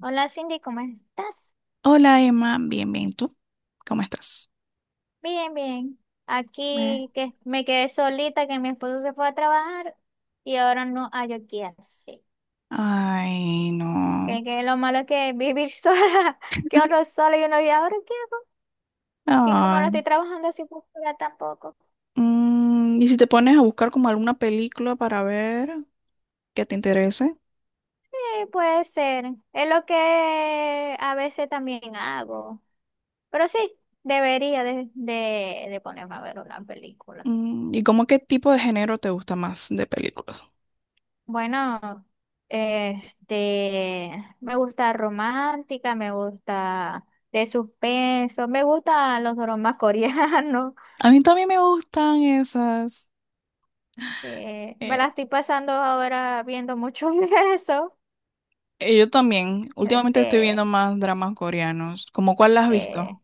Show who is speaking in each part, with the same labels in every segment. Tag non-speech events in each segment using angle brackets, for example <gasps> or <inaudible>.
Speaker 1: Hola Cindy, ¿cómo estás?
Speaker 2: Hola Emma, bien, bien, ¿tú? ¿Cómo estás?
Speaker 1: Bien, bien.
Speaker 2: Eh,
Speaker 1: Aquí que me quedé solita, que mi esposo se fue a trabajar y ahora no hay qué hacer.
Speaker 2: Ay, no.
Speaker 1: Que lo malo es que vivir <laughs> sola, que uno es sola y uno y ahora qué hago. Y como no
Speaker 2: Ay.
Speaker 1: estoy trabajando así por fuera tampoco.
Speaker 2: ¿Y si te pones a buscar como alguna película para ver que te interese?
Speaker 1: Sí, puede ser. Es lo que a veces también hago. Pero sí, debería de ponerme a ver una película.
Speaker 2: ¿Y como qué tipo de género te gusta más de películas?
Speaker 1: Bueno, este, me gusta romántica, me gusta de suspenso, me gustan los dramas <laughs> coreanos.
Speaker 2: A mí también me gustan esas.
Speaker 1: Me la
Speaker 2: Eh,
Speaker 1: estoy pasando ahora viendo mucho <laughs> de eso.
Speaker 2: yo también.
Speaker 1: No
Speaker 2: Últimamente
Speaker 1: sé,
Speaker 2: estoy viendo más dramas coreanos. ¿Cómo cuál la has visto?
Speaker 1: eh,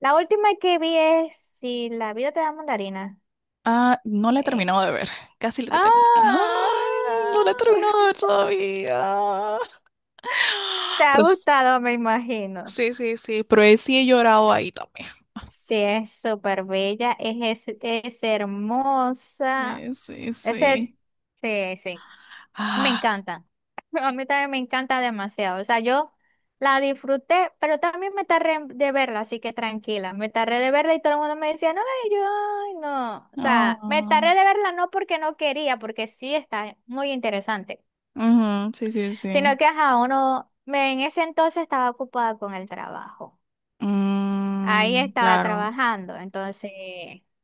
Speaker 1: la última que vi es Si la vida te da mandarina.
Speaker 2: Ah, no la he
Speaker 1: eh,
Speaker 2: terminado de ver. <laughs> Casi la he terminado.
Speaker 1: ¡Ah!
Speaker 2: Ay, no la he terminado de
Speaker 1: <laughs>
Speaker 2: ver todavía.
Speaker 1: Te
Speaker 2: <laughs>
Speaker 1: ha
Speaker 2: Pero.
Speaker 1: gustado, me imagino.
Speaker 2: Sí, sí, sí, pero sí he llorado ahí también.
Speaker 1: Sí, es súper bella, es hermosa.
Speaker 2: Sí, sí,
Speaker 1: Ese,
Speaker 2: sí.
Speaker 1: sí, sí, me
Speaker 2: Ah,
Speaker 1: encanta. <laughs> A mí también me encanta demasiado. O sea, yo la disfruté, pero también me tardé de verla, así que tranquila. Me tardé de verla y todo el mundo me decía, no, y yo, ay, no. O sea, me tardé
Speaker 2: no.
Speaker 1: de verla no porque no quería, porque sí está muy interesante,
Speaker 2: Ujú, sí, sí,
Speaker 1: sino
Speaker 2: sí.
Speaker 1: que ajá, uno, me, en ese entonces estaba ocupada con el trabajo. Ahí
Speaker 2: Mm,
Speaker 1: estaba
Speaker 2: claro.
Speaker 1: trabajando, entonces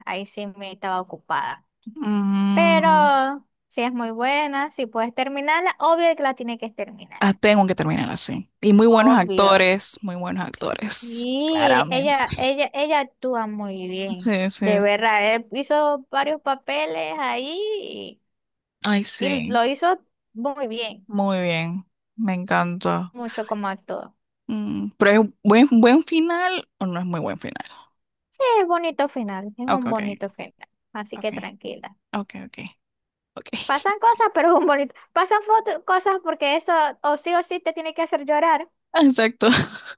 Speaker 1: ahí sí me estaba ocupada.
Speaker 2: Mm,
Speaker 1: Pero si es muy buena, si puedes terminarla, obvio que la tiene que terminar.
Speaker 2: ah, tengo que terminar así. Y
Speaker 1: Obvios.
Speaker 2: muy buenos actores,
Speaker 1: Y
Speaker 2: claramente.
Speaker 1: ella actúa muy bien.
Speaker 2: Sí,
Speaker 1: De
Speaker 2: sí, sí.
Speaker 1: verdad, él hizo varios papeles ahí
Speaker 2: Ay,
Speaker 1: y
Speaker 2: sí.
Speaker 1: lo hizo muy bien,
Speaker 2: Muy bien. Me encanta.
Speaker 1: mucho como actuó.
Speaker 2: Pero es buen final o no es muy buen final.
Speaker 1: Sí, es bonito final, es
Speaker 2: Ok,
Speaker 1: un
Speaker 2: ok,
Speaker 1: bonito final. Así
Speaker 2: ok,
Speaker 1: que tranquila.
Speaker 2: ok, ok, ok.
Speaker 1: Pasan
Speaker 2: <laughs>
Speaker 1: cosas, pero <laughs> es un bonito. Pasan cosas porque eso o sí te tiene que hacer llorar.
Speaker 2: Exacto.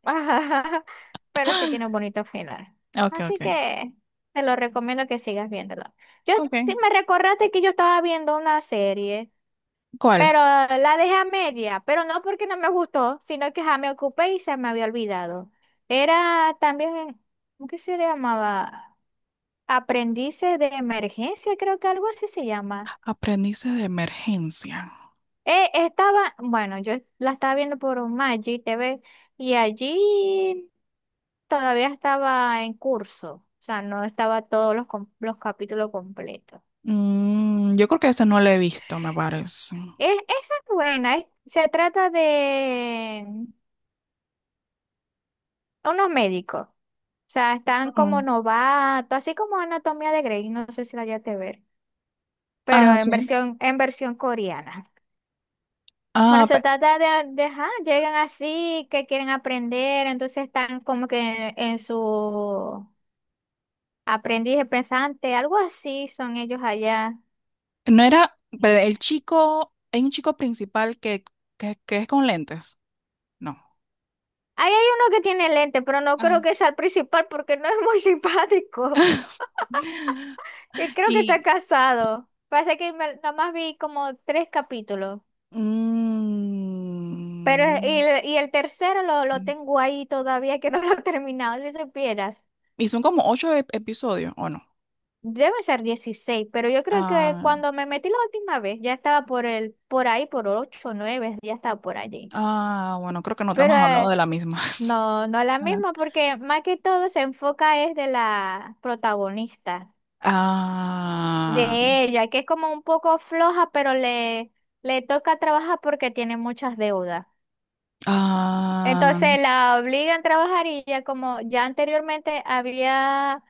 Speaker 1: <laughs> Pero sí tiene un
Speaker 2: <laughs>
Speaker 1: bonito final.
Speaker 2: Ok,
Speaker 1: Así
Speaker 2: ok.
Speaker 1: que te lo recomiendo que sigas viéndolo. Yo
Speaker 2: Ok.
Speaker 1: sí me recordaste que yo estaba viendo una serie,
Speaker 2: ¿Cuál?
Speaker 1: pero la dejé a media, pero no porque no me gustó, sino que ya me ocupé y se me había olvidado. Era también, ¿cómo que se llamaba? Aprendices de emergencia, creo que algo así se llama.
Speaker 2: Aprendices de emergencia.
Speaker 1: Estaba, bueno, yo la estaba viendo por un Magic TV y allí todavía estaba en curso, o sea, no estaba todos los, los capítulos completos.
Speaker 2: Yo creo que ese no lo he visto, me parece.
Speaker 1: Esa es buena, se trata de unos médicos, o sea, están como
Speaker 2: Ujú.
Speaker 1: novatos, así como Anatomía de Grey, no sé si la llegaste a ver, pero
Speaker 2: Ah, sí.
Speaker 1: en versión coreana. Bueno,
Speaker 2: Ah,
Speaker 1: se trata de ajá, llegan así, que quieren aprender, entonces están como que en su aprendiz de pensante, algo así son ellos allá.
Speaker 2: no era el chico, hay un chico principal que, que es con lentes. No.
Speaker 1: Ahí hay uno que tiene lente, pero no creo
Speaker 2: Ah.
Speaker 1: que sea el principal porque no es muy <laughs> simpático.
Speaker 2: <laughs>
Speaker 1: Y creo que está
Speaker 2: Y,
Speaker 1: casado. Pasa que nada más vi como tres capítulos. Pero y,
Speaker 2: mm,
Speaker 1: el- y el tercero lo tengo ahí todavía que no lo he terminado, si supieras.
Speaker 2: y son como ocho episodios, ¿o no?
Speaker 1: Debe ser 16 pero yo creo que
Speaker 2: Ah,
Speaker 1: cuando me metí la última vez ya estaba por el, por ahí, por 8 o 9, ya estaba por allí.
Speaker 2: ah, bueno, creo que no te
Speaker 1: Pero
Speaker 2: hemos hablado de la misma.
Speaker 1: no, no es la misma
Speaker 2: <laughs>
Speaker 1: porque más que todo se enfoca es de la protagonista,
Speaker 2: Ah,
Speaker 1: de ella, que es como un poco floja, pero le toca trabajar porque tiene muchas deudas.
Speaker 2: ah,
Speaker 1: Entonces la obligan a trabajar y ya como ya anteriormente había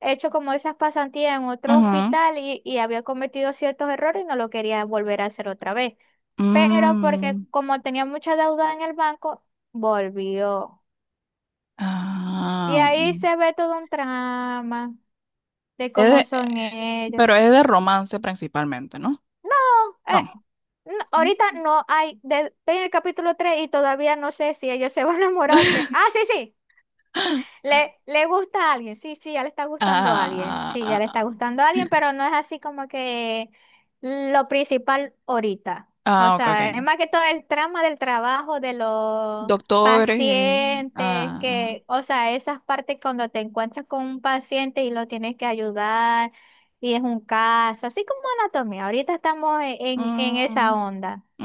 Speaker 1: hecho como esas pasantías en otro
Speaker 2: ujú,
Speaker 1: hospital y había cometido ciertos errores y no lo quería volver a hacer otra vez. Pero porque
Speaker 2: mm,
Speaker 1: como tenía mucha deuda en el banco, volvió. Y
Speaker 2: ah,
Speaker 1: ahí
Speaker 2: mm.
Speaker 1: se ve todo un trama de
Speaker 2: Es
Speaker 1: cómo
Speaker 2: de-
Speaker 1: son ellos.
Speaker 2: pero es de romance principalmente, ¿no?
Speaker 1: No, eh,
Speaker 2: No.
Speaker 1: no, ahorita no hay, estoy en el capítulo 3 y todavía no sé si ellos se van a enamorar. Que…
Speaker 2: <laughs>
Speaker 1: ¡Ah, sí, sí! Le gusta a alguien, sí, sí, ya le está gustando a alguien,
Speaker 2: Ah,
Speaker 1: sí, ya
Speaker 2: ah,
Speaker 1: le
Speaker 2: ah,
Speaker 1: está gustando a alguien, pero no es así como que lo principal ahorita. O
Speaker 2: ah, ok, ok.
Speaker 1: sea, es más que todo el trama del trabajo, de los
Speaker 2: Doctores.
Speaker 1: pacientes,
Speaker 2: Ah,
Speaker 1: que, o sea, esas partes cuando te encuentras con un paciente y lo tienes que ayudar y es un caso, así como anatomía. Ahorita estamos en en
Speaker 2: ah,
Speaker 1: esa onda.
Speaker 2: mm,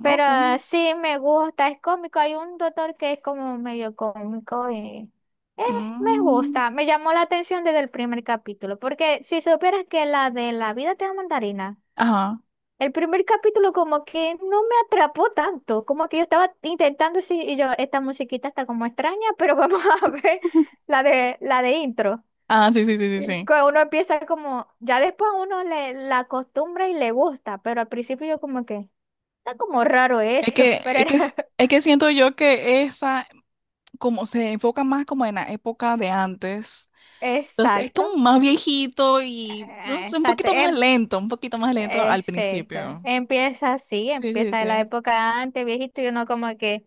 Speaker 2: mm,
Speaker 1: Pero
Speaker 2: ok.
Speaker 1: sí me gusta, es cómico. Hay un doctor que es como medio cómico y eh, me
Speaker 2: Mm,
Speaker 1: gusta. Me llamó la atención desde el primer capítulo, porque si supieras que la de La vida te da mandarina,
Speaker 2: ajá.
Speaker 1: el primer capítulo como que no me atrapó tanto, como que yo estaba intentando sí, y yo, esta musiquita está como extraña, pero vamos <laughs> a ver
Speaker 2: <laughs>
Speaker 1: la de intro.
Speaker 2: Ah, sí, sí, sí, sí, sí.
Speaker 1: Que uno empieza como, ya después uno le la acostumbra y le gusta, pero al principio yo como que, está como raro
Speaker 2: Es
Speaker 1: esto,
Speaker 2: que,
Speaker 1: <laughs> pero
Speaker 2: es
Speaker 1: era
Speaker 2: que, es que siento yo que esa como se enfoca más como en la época de antes. Entonces es
Speaker 1: exacto,
Speaker 2: como más viejito y no sé, un
Speaker 1: exacto,
Speaker 2: poquito más lento, un poquito más lento al
Speaker 1: exacto.
Speaker 2: principio.
Speaker 1: Empieza así,
Speaker 2: Sí, sí,
Speaker 1: empieza de la
Speaker 2: sí.
Speaker 1: época antes, viejito, y uno como que,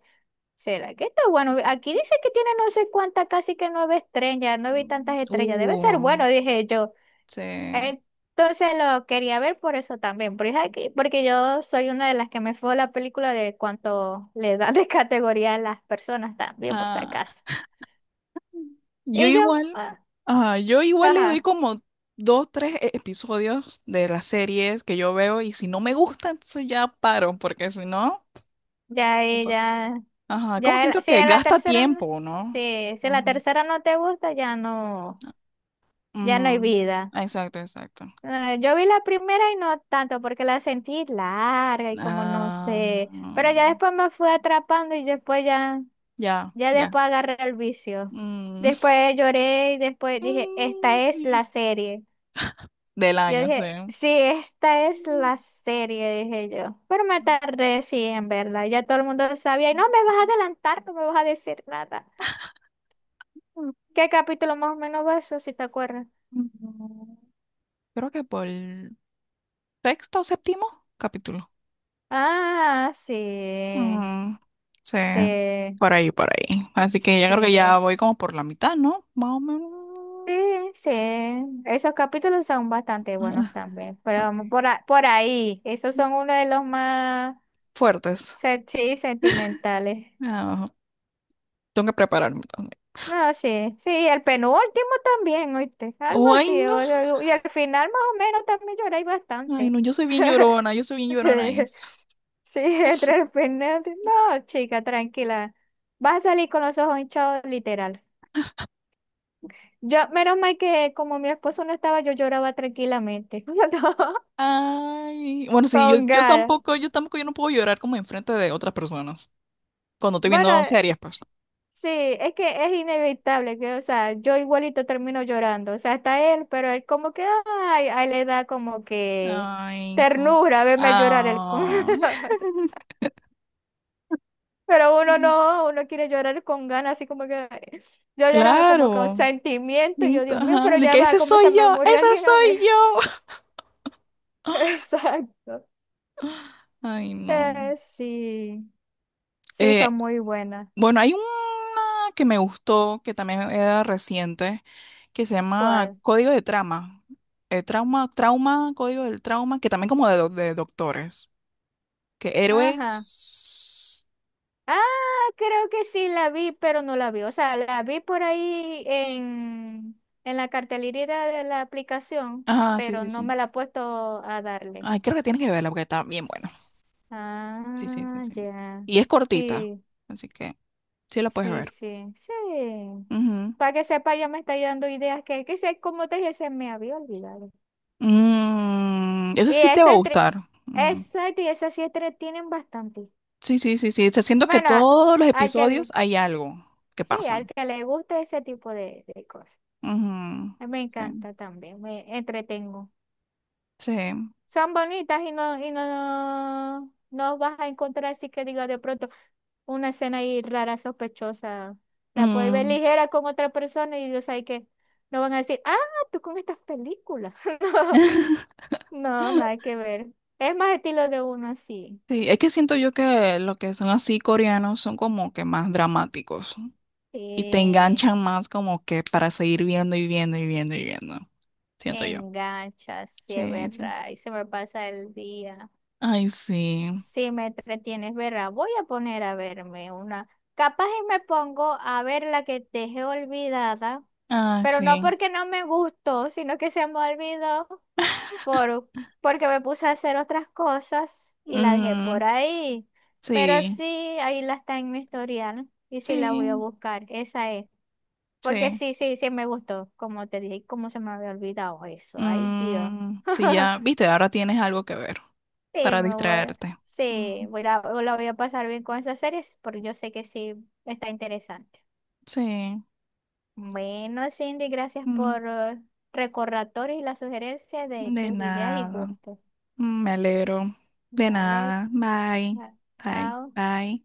Speaker 1: ¿será que está bueno? Aquí dice que tiene no sé cuántas, casi que nueve estrellas, no vi
Speaker 2: Mm.
Speaker 1: tantas estrellas, debe ser bueno, dije yo.
Speaker 2: Sí.
Speaker 1: Entonces lo quería ver por eso también, porque, aquí, porque yo soy una de las que me fue la película de cuánto le dan de categoría a las personas también, por si acaso.
Speaker 2: Ah, yo
Speaker 1: Y yo,
Speaker 2: igual,
Speaker 1: ah,
Speaker 2: ah, yo igual le doy
Speaker 1: ajá,
Speaker 2: como dos, tres episodios de las series que yo veo y si no me gusta, entonces ya paro, porque si no,
Speaker 1: ya,
Speaker 2: no
Speaker 1: ahí,
Speaker 2: puedo.
Speaker 1: ya.
Speaker 2: Ajá, como siento
Speaker 1: Si
Speaker 2: que
Speaker 1: en la
Speaker 2: gasta
Speaker 1: tercera,
Speaker 2: tiempo, ¿no?
Speaker 1: sí, si en la
Speaker 2: Ujú,
Speaker 1: tercera no te gusta, ya no, ya no hay
Speaker 2: ujú.
Speaker 1: vida.
Speaker 2: Exacto, exacto.
Speaker 1: Yo vi la primera y no tanto, porque la sentí larga y como no
Speaker 2: Ah,
Speaker 1: sé. Pero ya
Speaker 2: mm,
Speaker 1: después me fui atrapando y después ya,
Speaker 2: ya,
Speaker 1: ya
Speaker 2: ya.
Speaker 1: después agarré el vicio.
Speaker 2: Mm, <laughs>
Speaker 1: Después lloré y después dije,
Speaker 2: mm,
Speaker 1: esta es
Speaker 2: sí.
Speaker 1: la serie.
Speaker 2: Del
Speaker 1: Yo
Speaker 2: año, sí.
Speaker 1: dije, sí, esta es la serie, dije yo. Pero me tardé sí en verla. Ya todo el mundo sabía, y no me vas a adelantar, no me vas a decir nada.
Speaker 2: Mm,
Speaker 1: ¿Qué capítulo más o menos va eso, si te acuerdas?
Speaker 2: Creo que por el sexto o séptimo capítulo.
Speaker 1: Ah, sí,
Speaker 2: Mm, sí,
Speaker 1: sí,
Speaker 2: por ahí, por ahí. Así que ya creo que ya
Speaker 1: sí,
Speaker 2: voy como por la mitad, ¿no? Más o menos.
Speaker 1: sí, sí. Esos capítulos son bastante
Speaker 2: Ah,
Speaker 1: buenos también, pero
Speaker 2: ok.
Speaker 1: vamos por, por ahí, esos son uno de los más
Speaker 2: Fuertes.
Speaker 1: sí, sentimentales.
Speaker 2: Ah, tengo que prepararme también.
Speaker 1: No, sí, sí, el penúltimo también, ¿oíste? Algo
Speaker 2: Ay,
Speaker 1: así,
Speaker 2: no.
Speaker 1: y al final más o menos también lloráis
Speaker 2: Ay,
Speaker 1: bastante.
Speaker 2: no, yo soy bien llorona,
Speaker 1: <laughs>
Speaker 2: yo soy bien
Speaker 1: Sí.
Speaker 2: llorona. Es.
Speaker 1: Sí, <laughs> Tres Fernández. No, chica, tranquila. Vas a salir con los ojos hinchados, literal. Yo, menos mal que como mi esposo no estaba, yo lloraba tranquilamente. <laughs>
Speaker 2: Ay, bueno, sí, yo,
Speaker 1: Con
Speaker 2: yo
Speaker 1: Gara.
Speaker 2: tampoco, yo tampoco, yo no puedo llorar como enfrente de otras personas. Cuando estoy
Speaker 1: Bueno,
Speaker 2: viendo series, pues.
Speaker 1: sí, es que es inevitable que, o sea, yo igualito termino llorando. O sea, hasta él, pero él como que, ay, a él le da como que
Speaker 2: Ay,
Speaker 1: ternura verme llorar el con.
Speaker 2: Ah.
Speaker 1: <laughs>
Speaker 2: <laughs>
Speaker 1: Pero uno no, uno quiere llorar con ganas, así como que yo lloraba como con
Speaker 2: Claro.
Speaker 1: sentimiento, y yo, Dios mío,
Speaker 2: Ajá.
Speaker 1: pero
Speaker 2: De
Speaker 1: ya
Speaker 2: que
Speaker 1: va,
Speaker 2: ese
Speaker 1: como se
Speaker 2: soy
Speaker 1: me
Speaker 2: yo,
Speaker 1: murió
Speaker 2: ese
Speaker 1: alguien a mí.
Speaker 2: soy yo.
Speaker 1: <laughs>
Speaker 2: <gasps> <laughs>
Speaker 1: Exacto.
Speaker 2: Ay, no.
Speaker 1: Sí, sí, son
Speaker 2: Eh,
Speaker 1: muy buenas.
Speaker 2: bueno, hay una que me gustó, que también era reciente, que se llama
Speaker 1: ¿Cuál?
Speaker 2: Código de Trama. Trauma, trauma, código del trauma, que también como de, de doctores. Que
Speaker 1: Ajá.
Speaker 2: héroes.
Speaker 1: Ah, creo que sí la vi, pero no la vi. O sea, la vi por ahí en la cartelerita de la aplicación,
Speaker 2: Ah, sí,
Speaker 1: pero
Speaker 2: sí,
Speaker 1: no
Speaker 2: sí.
Speaker 1: me la he puesto a darle.
Speaker 2: Ay, creo que tienes que verla porque está bien buena. Sí, sí, sí,
Speaker 1: Ah,
Speaker 2: sí.
Speaker 1: ya.
Speaker 2: Y es cortita,
Speaker 1: Sí.
Speaker 2: así que sí la puedes
Speaker 1: Sí,
Speaker 2: ver.
Speaker 1: sí, sí.
Speaker 2: Ujú.
Speaker 1: Para que sepa, ya me está dando ideas que sé, como te dije, se me había olvidado.
Speaker 2: Esa
Speaker 1: Y
Speaker 2: sí te va
Speaker 1: eso
Speaker 2: a
Speaker 1: entre,
Speaker 2: gustar. Ujú.
Speaker 1: exacto, y eso sí entretienen bastante.
Speaker 2: Sí, sí, sí, sí. Se siento que
Speaker 1: Bueno,
Speaker 2: todos los
Speaker 1: al que
Speaker 2: episodios
Speaker 1: le,
Speaker 2: hay algo que
Speaker 1: sí,
Speaker 2: pasa.
Speaker 1: al que le guste ese tipo de cosas.
Speaker 2: Ujú.
Speaker 1: A mí me
Speaker 2: Sí,
Speaker 1: encanta también, me entretengo.
Speaker 2: sí.
Speaker 1: Son bonitas no, vas a encontrar así que digo de pronto una escena ahí rara, sospechosa. La puedes ver
Speaker 2: Mm.
Speaker 1: ligera con otra persona y Dios sabe que no van a decir, ah, tú con estas películas. <laughs>
Speaker 2: <laughs>
Speaker 1: No, no, nada que ver. Es más estilo de uno así.
Speaker 2: Sí, es que siento yo que lo que son así coreanos son como que más dramáticos. Y te
Speaker 1: Sí,
Speaker 2: enganchan más como que para seguir viendo y viendo y viendo y viendo. Siento yo.
Speaker 1: engancha, sí es
Speaker 2: Sí, sí.
Speaker 1: verdad. Y se me pasa el día.
Speaker 2: Ay, sí.
Speaker 1: Sí me entretienes, ¿verdad? Voy a poner a verme una. Capaz y me pongo a ver la que dejé olvidada,
Speaker 2: Ay,
Speaker 1: pero no
Speaker 2: sí.
Speaker 1: porque no me gustó, sino que se me olvidó. por, porque me puse a hacer otras cosas y la dejé
Speaker 2: Ujú.
Speaker 1: por ahí. Pero
Speaker 2: Sí,
Speaker 1: sí, ahí la está en mi historial y sí la voy a
Speaker 2: sí,
Speaker 1: buscar, esa es. Porque
Speaker 2: sí.
Speaker 1: sí, sí, sí me gustó, como te dije, cómo se me había olvidado eso. Ay, Dios.
Speaker 2: Sí,
Speaker 1: <laughs>
Speaker 2: ya, viste, ahora tienes algo que ver
Speaker 1: Sí,
Speaker 2: para
Speaker 1: me voy.
Speaker 2: distraerte.
Speaker 1: Sí,
Speaker 2: Mm,
Speaker 1: voy a, la voy a pasar bien con esas series porque yo sé que sí está interesante.
Speaker 2: sí.
Speaker 1: Bueno, Cindy, gracias
Speaker 2: Mm,
Speaker 1: por recordatorios y las sugerencias de
Speaker 2: de
Speaker 1: tus ideas y
Speaker 2: nada.
Speaker 1: gustos.
Speaker 2: Me alegro. De
Speaker 1: Dale,
Speaker 2: nada. Bye.
Speaker 1: cha-
Speaker 2: Bye.
Speaker 1: chao.
Speaker 2: Bye.